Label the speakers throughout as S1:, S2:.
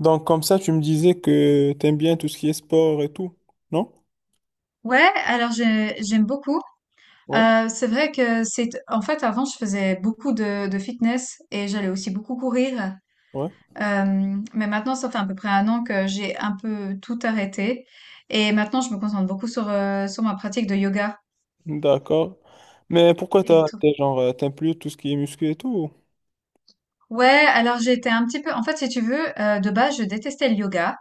S1: Donc, comme ça, tu me disais que t'aimes bien tout ce qui est sport et tout, non?
S2: Ouais, alors j'aime beaucoup.
S1: Ouais,
S2: C'est vrai que c'est en fait avant je faisais beaucoup de fitness et j'allais aussi beaucoup courir.
S1: ouais,
S2: Mais maintenant ça fait à peu près un an que j'ai un peu tout arrêté et maintenant je me concentre beaucoup sur sur ma pratique de yoga
S1: d'accord. Mais pourquoi
S2: et tout.
S1: t'es genre, t'aimes plus tout ce qui est muscu et tout?
S2: Ouais, alors j'étais un petit peu en fait si tu veux de base je détestais le yoga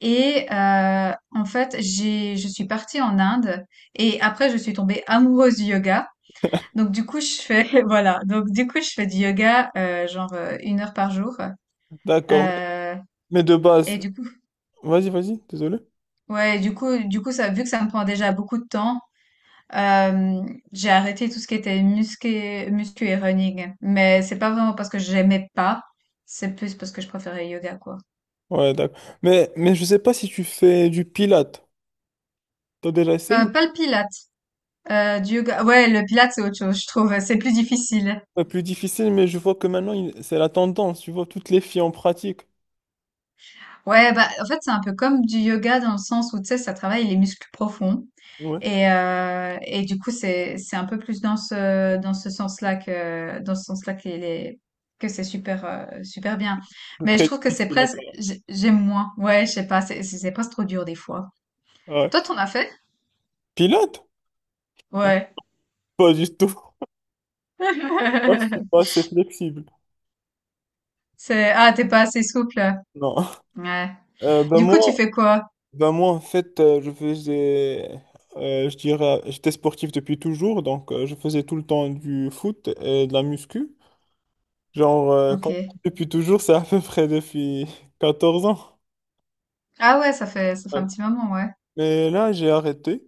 S2: et en fait j'ai je suis partie en Inde et après je suis tombée amoureuse du yoga. Donc du coup je fais voilà donc du coup je fais du yoga genre une heure par jour.
S1: D'accord,
S2: Euh,
S1: mais de
S2: et
S1: base,
S2: du coup
S1: vas-y, vas-y, désolé.
S2: ouais du coup ça vu que ça me prend déjà beaucoup de temps, euh, j'ai arrêté tout ce qui était muscu et running, mais c'est pas vraiment parce que j'aimais pas, c'est plus parce que je préférais yoga quoi.
S1: Ouais, d'accord. Mais je sais pas si tu fais du pilates. T'as déjà essayé ou
S2: Pas le pilate, du yoga ouais, le pilate c'est autre chose, je trouve c'est plus difficile.
S1: pas plus difficile, mais je vois que maintenant, c'est la tendance. Tu vois, toutes les filles en pratiquent.
S2: Ouais, bah, en fait, c'est un peu comme du yoga dans le sens où, tu sais, ça travaille les muscles profonds.
S1: Ouais,
S2: Et du coup, c'est un peu plus dans dans ce sens-là que, dans ce sens-là que les que c'est super, super bien.
S1: c'est
S2: Mais je
S1: très
S2: trouve que c'est
S1: difficile à
S2: presque,
S1: part.
S2: j'aime moins. Ouais, je sais pas, c'est presque trop dur des fois.
S1: Ouais.
S2: Toi, t'en as fait?
S1: Pilates?
S2: Ouais.
S1: Pas du tout. Moi, je suis pas assez flexible.
S2: C'est, ah, t'es pas assez souple.
S1: Non.
S2: Ouais.
S1: Euh, ben
S2: Du
S1: moi,
S2: coup, tu fais quoi?
S1: Ben moi, en fait, je faisais, je dirais, j'étais sportif depuis toujours, donc je faisais tout le temps du foot et de la muscu. Genre,
S2: Ok.
S1: depuis toujours, c'est à peu près depuis 14 ans.
S2: Ah ouais, ça fait
S1: Ouais.
S2: un petit moment, ouais.
S1: Mais là, j'ai arrêté.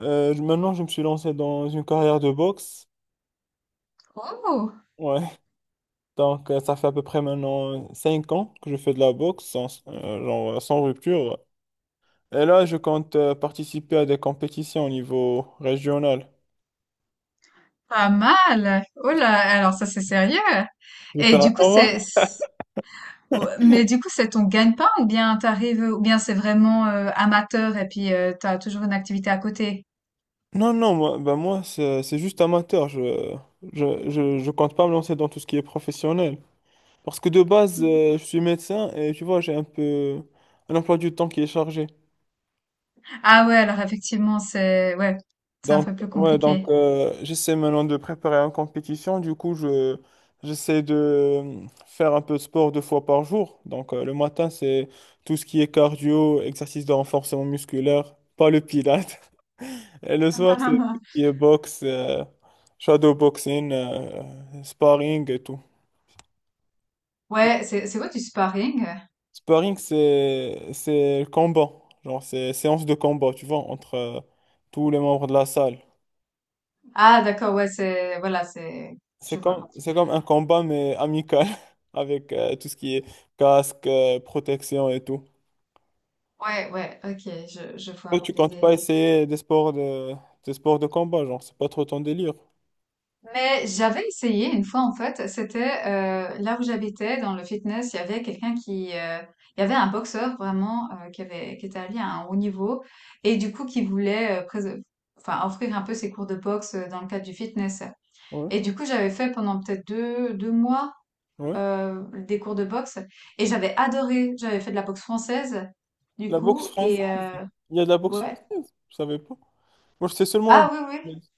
S1: Maintenant, je me suis lancé dans une carrière de boxe.
S2: Oh!
S1: Ouais, donc ça fait à peu près maintenant 5 ans que je fais de la boxe, sans, genre sans rupture. Et là, je compte participer à des compétitions au niveau régional.
S2: Pas mal. Oh là, alors ça c'est sérieux.
S1: Je vais
S2: Et
S1: faire un
S2: du coup
S1: combat.
S2: ouais, mais du coup c'est ton gagne-pain ou bien t'arrives, ou bien c'est vraiment amateur et puis t'as toujours une activité à côté.
S1: Non, non, moi, bah moi c'est juste amateur. Je compte pas me lancer dans tout ce qui est professionnel. Parce que de base, je suis médecin et tu vois, j'ai un peu un emploi du temps qui est chargé.
S2: Ah ouais, alors effectivement ouais, c'est un
S1: Donc,
S2: peu plus
S1: ouais, donc
S2: compliqué.
S1: j'essaie maintenant de préparer une compétition. Du coup, j'essaie de faire un peu de sport 2 fois par jour. Donc, le matin, c'est tout ce qui est cardio, exercice de renforcement musculaire, pas le pilates. Et le soir, c'est tout ce qui est boxe, shadow boxing, sparring et tout. Donc,
S2: Ouais, c'est quoi du sparring?
S1: sparring, c'est le combat, genre c'est séance de combat, tu vois, entre tous les membres de la salle.
S2: Ah d'accord, ouais voilà c'est,
S1: C'est
S2: je
S1: comme
S2: vois.
S1: c'est comme un combat mais amical avec tout ce qui est casque, protection et tout.
S2: Ouais ouais, ok, je vois
S1: Toi,
S2: un
S1: tu
S2: peu
S1: comptes pas
S2: l'idée.
S1: essayer des sports de combat, genre, c'est pas trop ton délire.
S2: Mais j'avais essayé une fois en fait, c'était là où j'habitais dans le fitness, il y avait quelqu'un qui, il y avait un boxeur vraiment qui avait, qui était allé à un haut niveau et du coup qui voulait enfin offrir un peu ses cours de boxe dans le cadre du fitness.
S1: Ouais,
S2: Et du coup j'avais fait pendant peut-être deux mois,
S1: ouais.
S2: des cours de boxe et j'avais adoré. J'avais fait de la boxe française du
S1: La boxe
S2: coup
S1: française,
S2: et
S1: il y a de la boxe
S2: ouais,
S1: française, je savais pas. Moi, je sais seulement la
S2: ah
S1: boxe
S2: oui oui,
S1: anglaise.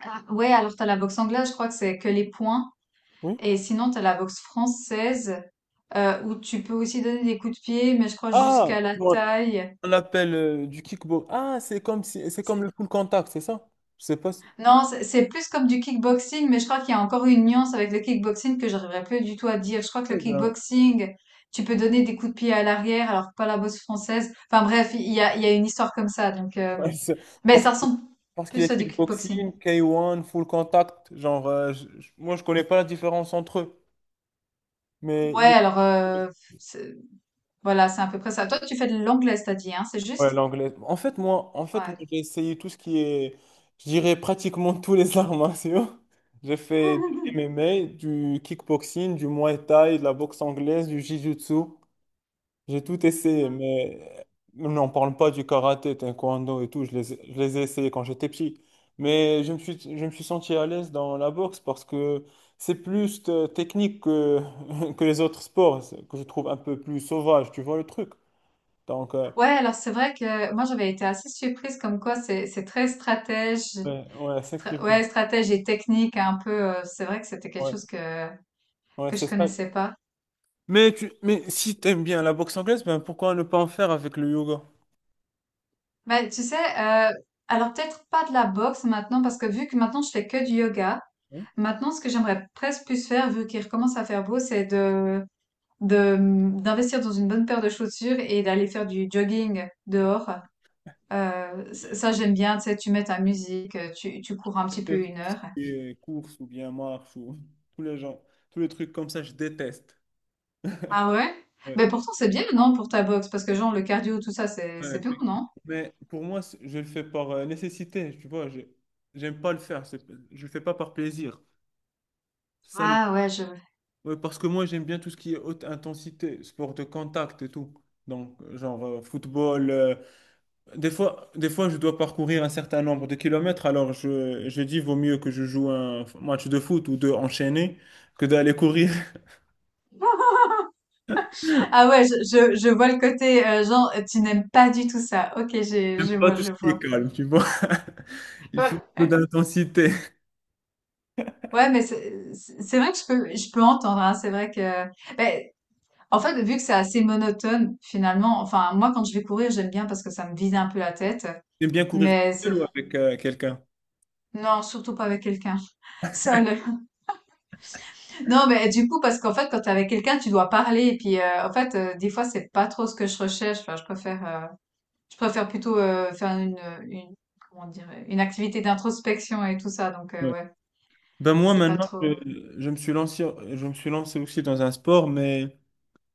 S2: ah, ouais alors t'as la boxe anglaise, je crois que c'est que les points.
S1: Oui.
S2: Et sinon, tu as la boxe française où tu peux aussi donner des coups de pied, mais je crois
S1: Ah,
S2: jusqu'à la
S1: ouais.
S2: taille.
S1: On appelle du kickbox. Ah, c'est comme si, c'est comme
S2: C'est-
S1: le full contact, c'est ça? Je sais pas si.
S2: Non, c'est plus comme du kickboxing, mais je crois qu'il y a encore une nuance avec le kickboxing que j'arriverai plus du tout à dire. Je crois que le
S1: Eh ben,
S2: kickboxing, tu peux donner des coups de pied à l'arrière, alors que pas la boxe française. Enfin bref, il y a une histoire comme ça. Donc,
S1: ouais,
S2: mais
S1: parce
S2: ça
S1: que-
S2: ressemble
S1: parce qu'il y a
S2: plus à du kickboxing.
S1: kickboxing, K1, full contact. Genre, moi, je connais pas la différence entre eux. Mais
S2: Ouais,
S1: il y a-
S2: alors c'est- voilà, c'est à peu près ça. Toi, tu fais de l'anglais, t'as dit, hein, c'est
S1: ouais,
S2: juste?
S1: l'anglais. En fait, moi,
S2: Ouais.
S1: j'ai essayé tout ce qui est, je dirais pratiquement tous les arts martiaux. J'ai fait du MMA, du kickboxing, du Muay Thai, de la boxe anglaise, du Jiu-Jitsu. J'ai tout essayé, mais n'en parle pas du karaté, taekwondo et tout. Je les ai essayés quand j'étais petit. Mais je me suis senti à l'aise dans la boxe parce que c'est plus technique que, que les autres sports, que je trouve un peu plus sauvage. Tu vois le truc? Donc,
S2: Ouais, alors c'est vrai que moi j'avais été assez surprise comme quoi c'est très stratège,
S1: ouais, ouais, effectivement.
S2: ouais stratège et technique un peu. C'est vrai que c'était quelque
S1: Ouais,
S2: chose que
S1: ouais,
S2: je
S1: c'est ça.
S2: connaissais pas.
S1: Mais si tu aimes bien la boxe anglaise, ben pourquoi ne pas en faire avec le yoga?
S2: Mais tu sais, alors peut-être pas de la boxe maintenant parce que vu que maintenant je fais que du yoga,
S1: Hein.
S2: maintenant ce que j'aimerais presque plus faire vu qu'il recommence à faire beau, c'est de d'investir dans une bonne paire de chaussures et d'aller faire du jogging dehors. J'aime bien, tu sais, tu mets ta musique, tu cours un petit peu une
S1: Tout ce
S2: heure.
S1: qui est course ou bien marche ou tous les gens, tous les trucs comme ça, je déteste.
S2: Ah ouais?
S1: Ouais.
S2: Mais pourtant, c'est bien, non, pour ta boxe? Parce que genre, le cardio, tout ça,
S1: Ouais,
S2: c'est bien,
S1: effectivement.
S2: non?
S1: Mais pour moi, je le fais par nécessité, tu vois. J'aime pas le faire. Je le fais pas par plaisir. Ça le...
S2: Ah ouais, je...
S1: ouais, parce que moi, j'aime bien tout ce qui est haute intensité, sport de contact et tout. Donc, genre football. Des fois, je dois parcourir un certain nombre de kilomètres. Alors, je dis, vaut mieux que je joue un match de foot ou deux enchaînés que d'aller courir.
S2: Ah ouais, je vois le côté, genre, tu n'aimes pas du tout ça. Ok, je
S1: J'aime pas
S2: vois,
S1: tout ce
S2: je
S1: qui est
S2: vois.
S1: calme, tu vois. Il
S2: Ouais.
S1: faut un peu d'intensité.
S2: Ouais, mais c'est vrai que je peux entendre, hein, c'est vrai que... ben, en fait, vu que c'est assez monotone, finalement, enfin, moi, quand je vais courir, j'aime bien parce que ça me vide un peu la tête.
S1: J'aime bien courir
S2: Mais c'est-
S1: seul ou avec quelqu'un.
S2: non, surtout pas avec quelqu'un. Seul, non, mais du coup, parce qu'en fait, quand t'es avec quelqu'un, tu dois parler. Et puis, en fait, des fois, c'est pas trop ce que je recherche. Enfin, je préfère plutôt faire une, comment dire, une activité d'introspection et tout ça. Donc,
S1: Ouais.
S2: ouais,
S1: Ben moi
S2: c'est pas
S1: maintenant,
S2: trop.
S1: je me suis lancé, je me suis lancé aussi dans un sport, mais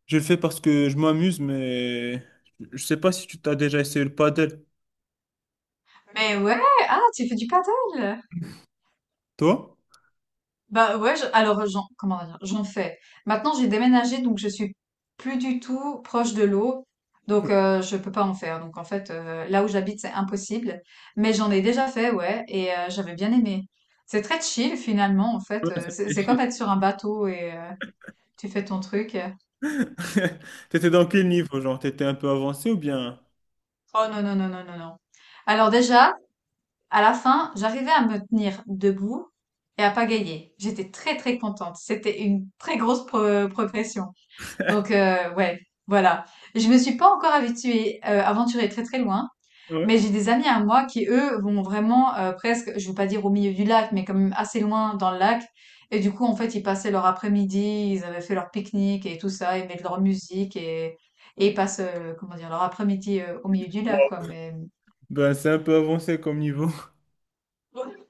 S1: je le fais parce que je m'amuse, mais je sais pas si tu t'as déjà essayé le padel,
S2: Mais ouais, ah, tu fais du paddle!
S1: toi?
S2: Bah ouais, alors comment dire, j'en fais. Maintenant, j'ai déménagé, donc je suis plus du tout proche de l'eau, donc je peux pas en faire. Donc en fait, là où j'habite, c'est impossible. Mais j'en ai déjà fait, ouais, et j'avais bien aimé. C'est très chill finalement, en
S1: Ouais,
S2: fait.
S1: ça me fait
S2: C'est
S1: chier.
S2: comme être sur un bateau et tu fais ton truc.
S1: T'étais dans quel niveau? Genre, t'étais un peu avancé ou bien?
S2: Oh non, non, non, non, non, non. Alors déjà, à la fin, j'arrivais à me tenir debout et à pagayer. J'étais très très contente. C'était une très grosse progression. Donc ouais, voilà. Je me suis pas encore aventurée très, très loin,
S1: Ouais.
S2: mais j'ai des amis à moi qui, eux, vont vraiment, presque, je veux pas dire au milieu du lac, mais quand même assez loin dans le lac et du coup, en fait, ils passaient leur après-midi, ils avaient fait leur pique-nique et tout ça, ils mettent leur musique et ils passent, comment dire? Leur après-midi, au milieu du lac, quoi, mais
S1: Ben c'est un peu avancé comme niveau.
S2: ouais.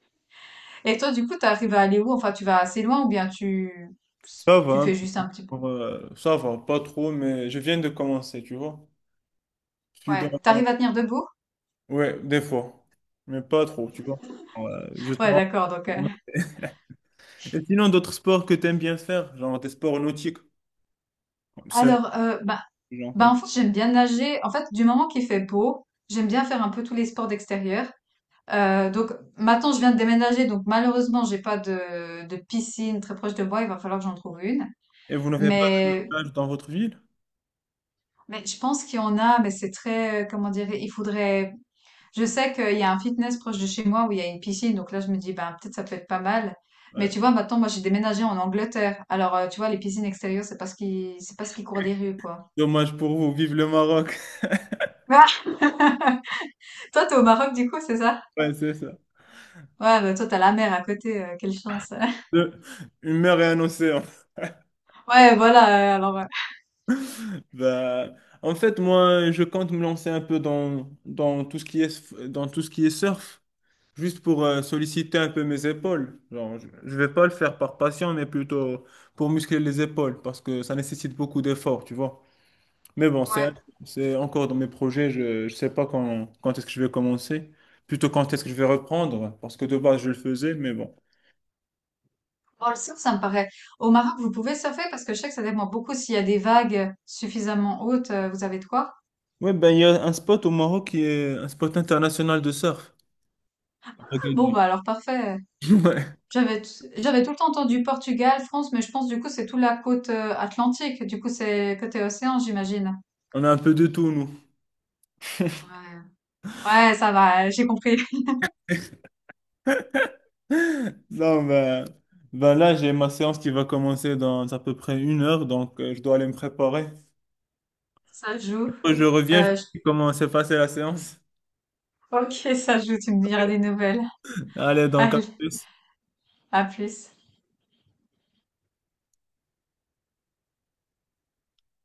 S2: Et toi, du coup, tu arrives à aller où? Enfin, tu vas assez loin ou bien
S1: Ça va,
S2: tu
S1: un
S2: fais juste un petit peu,
S1: peu, Ça va, pas trop, mais je viens de commencer, tu vois. Je suis dans.
S2: ouais, tu arrives à tenir debout?
S1: Ouais, des fois, mais pas trop, tu vois. Ouais, je.
S2: Ouais, d'accord, donc
S1: Et sinon, d'autres sports que tu aimes bien faire, genre des sports nautiques, comme ça,
S2: alors, ben,
S1: genre,
S2: bah, en fait, j'aime bien nager. En fait, du moment qu'il fait beau, j'aime bien faire un peu tous les sports d'extérieur. Donc maintenant, je viens de déménager, donc malheureusement, j'ai pas de piscine très proche de moi. Il va falloir que j'en trouve une.
S1: et vous n'avez pas de
S2: Mais,
S1: plage dans votre ville?
S2: mais je pense qu'il y en a, mais c'est très, comment dire, il faudrait. Je sais qu'il y a un fitness proche de chez moi où il y a une piscine, donc là, je me dis, ben peut-être ça peut être pas mal. Mais
S1: Ouais.
S2: tu vois, maintenant, moi, j'ai déménagé en Angleterre. Alors, tu vois, les piscines extérieures, c'est c'est parce qu'ils courent des rues, quoi.
S1: Dommage pour vous, vive le Maroc.
S2: Toi, t'es au Maroc, du coup, c'est ça?
S1: Ouais, c'est ça.
S2: Ouais, bah, toi, t'as la mer à côté, quelle chance.
S1: Deux- Une mer et un océan.
S2: Ouais, voilà, alors,
S1: Bah, en fait, moi, je compte me lancer un peu dans tout ce qui est surf, juste pour solliciter un peu mes épaules. Genre, je ne vais pas le faire par passion, mais plutôt pour muscler les épaules, parce que ça nécessite beaucoup d'efforts, tu vois. Mais bon, c'est
S2: ouais.
S1: c'est encore dans mes projets. Je ne sais pas quand est-ce que je vais commencer. Plutôt quand est-ce que je vais reprendre. Parce que de base, je le faisais, mais bon.
S2: Bon, le surf, ça me paraît au Maroc, vous pouvez surfer? Parce que je sais que ça dépend beaucoup s'il y a des vagues suffisamment hautes, vous avez de quoi?
S1: Ouais, ben, il y a un spot au Maroc qui est un spot international de surf. À
S2: Ah bon,
S1: Agadir.
S2: bah, alors parfait.
S1: Ouais,
S2: J'avais tout le temps entendu Portugal, France, mais je pense, du coup, c'est toute la côte, atlantique. Du coup, c'est côté océan, j'imagine?
S1: on a un peu de tout, nous.
S2: Ouais. Ouais, ça va, j'ai compris.
S1: Non, ben là, j'ai ma séance qui va commencer dans à peu près 1 heure, donc je dois aller me préparer.
S2: Ça joue.
S1: Quand je reviens, je te
S2: J
S1: dis comment s'est passée la séance.
S2: OK, ça joue, tu me diras des nouvelles.
S1: Allez, donc à
S2: Allez,
S1: plus.
S2: à plus.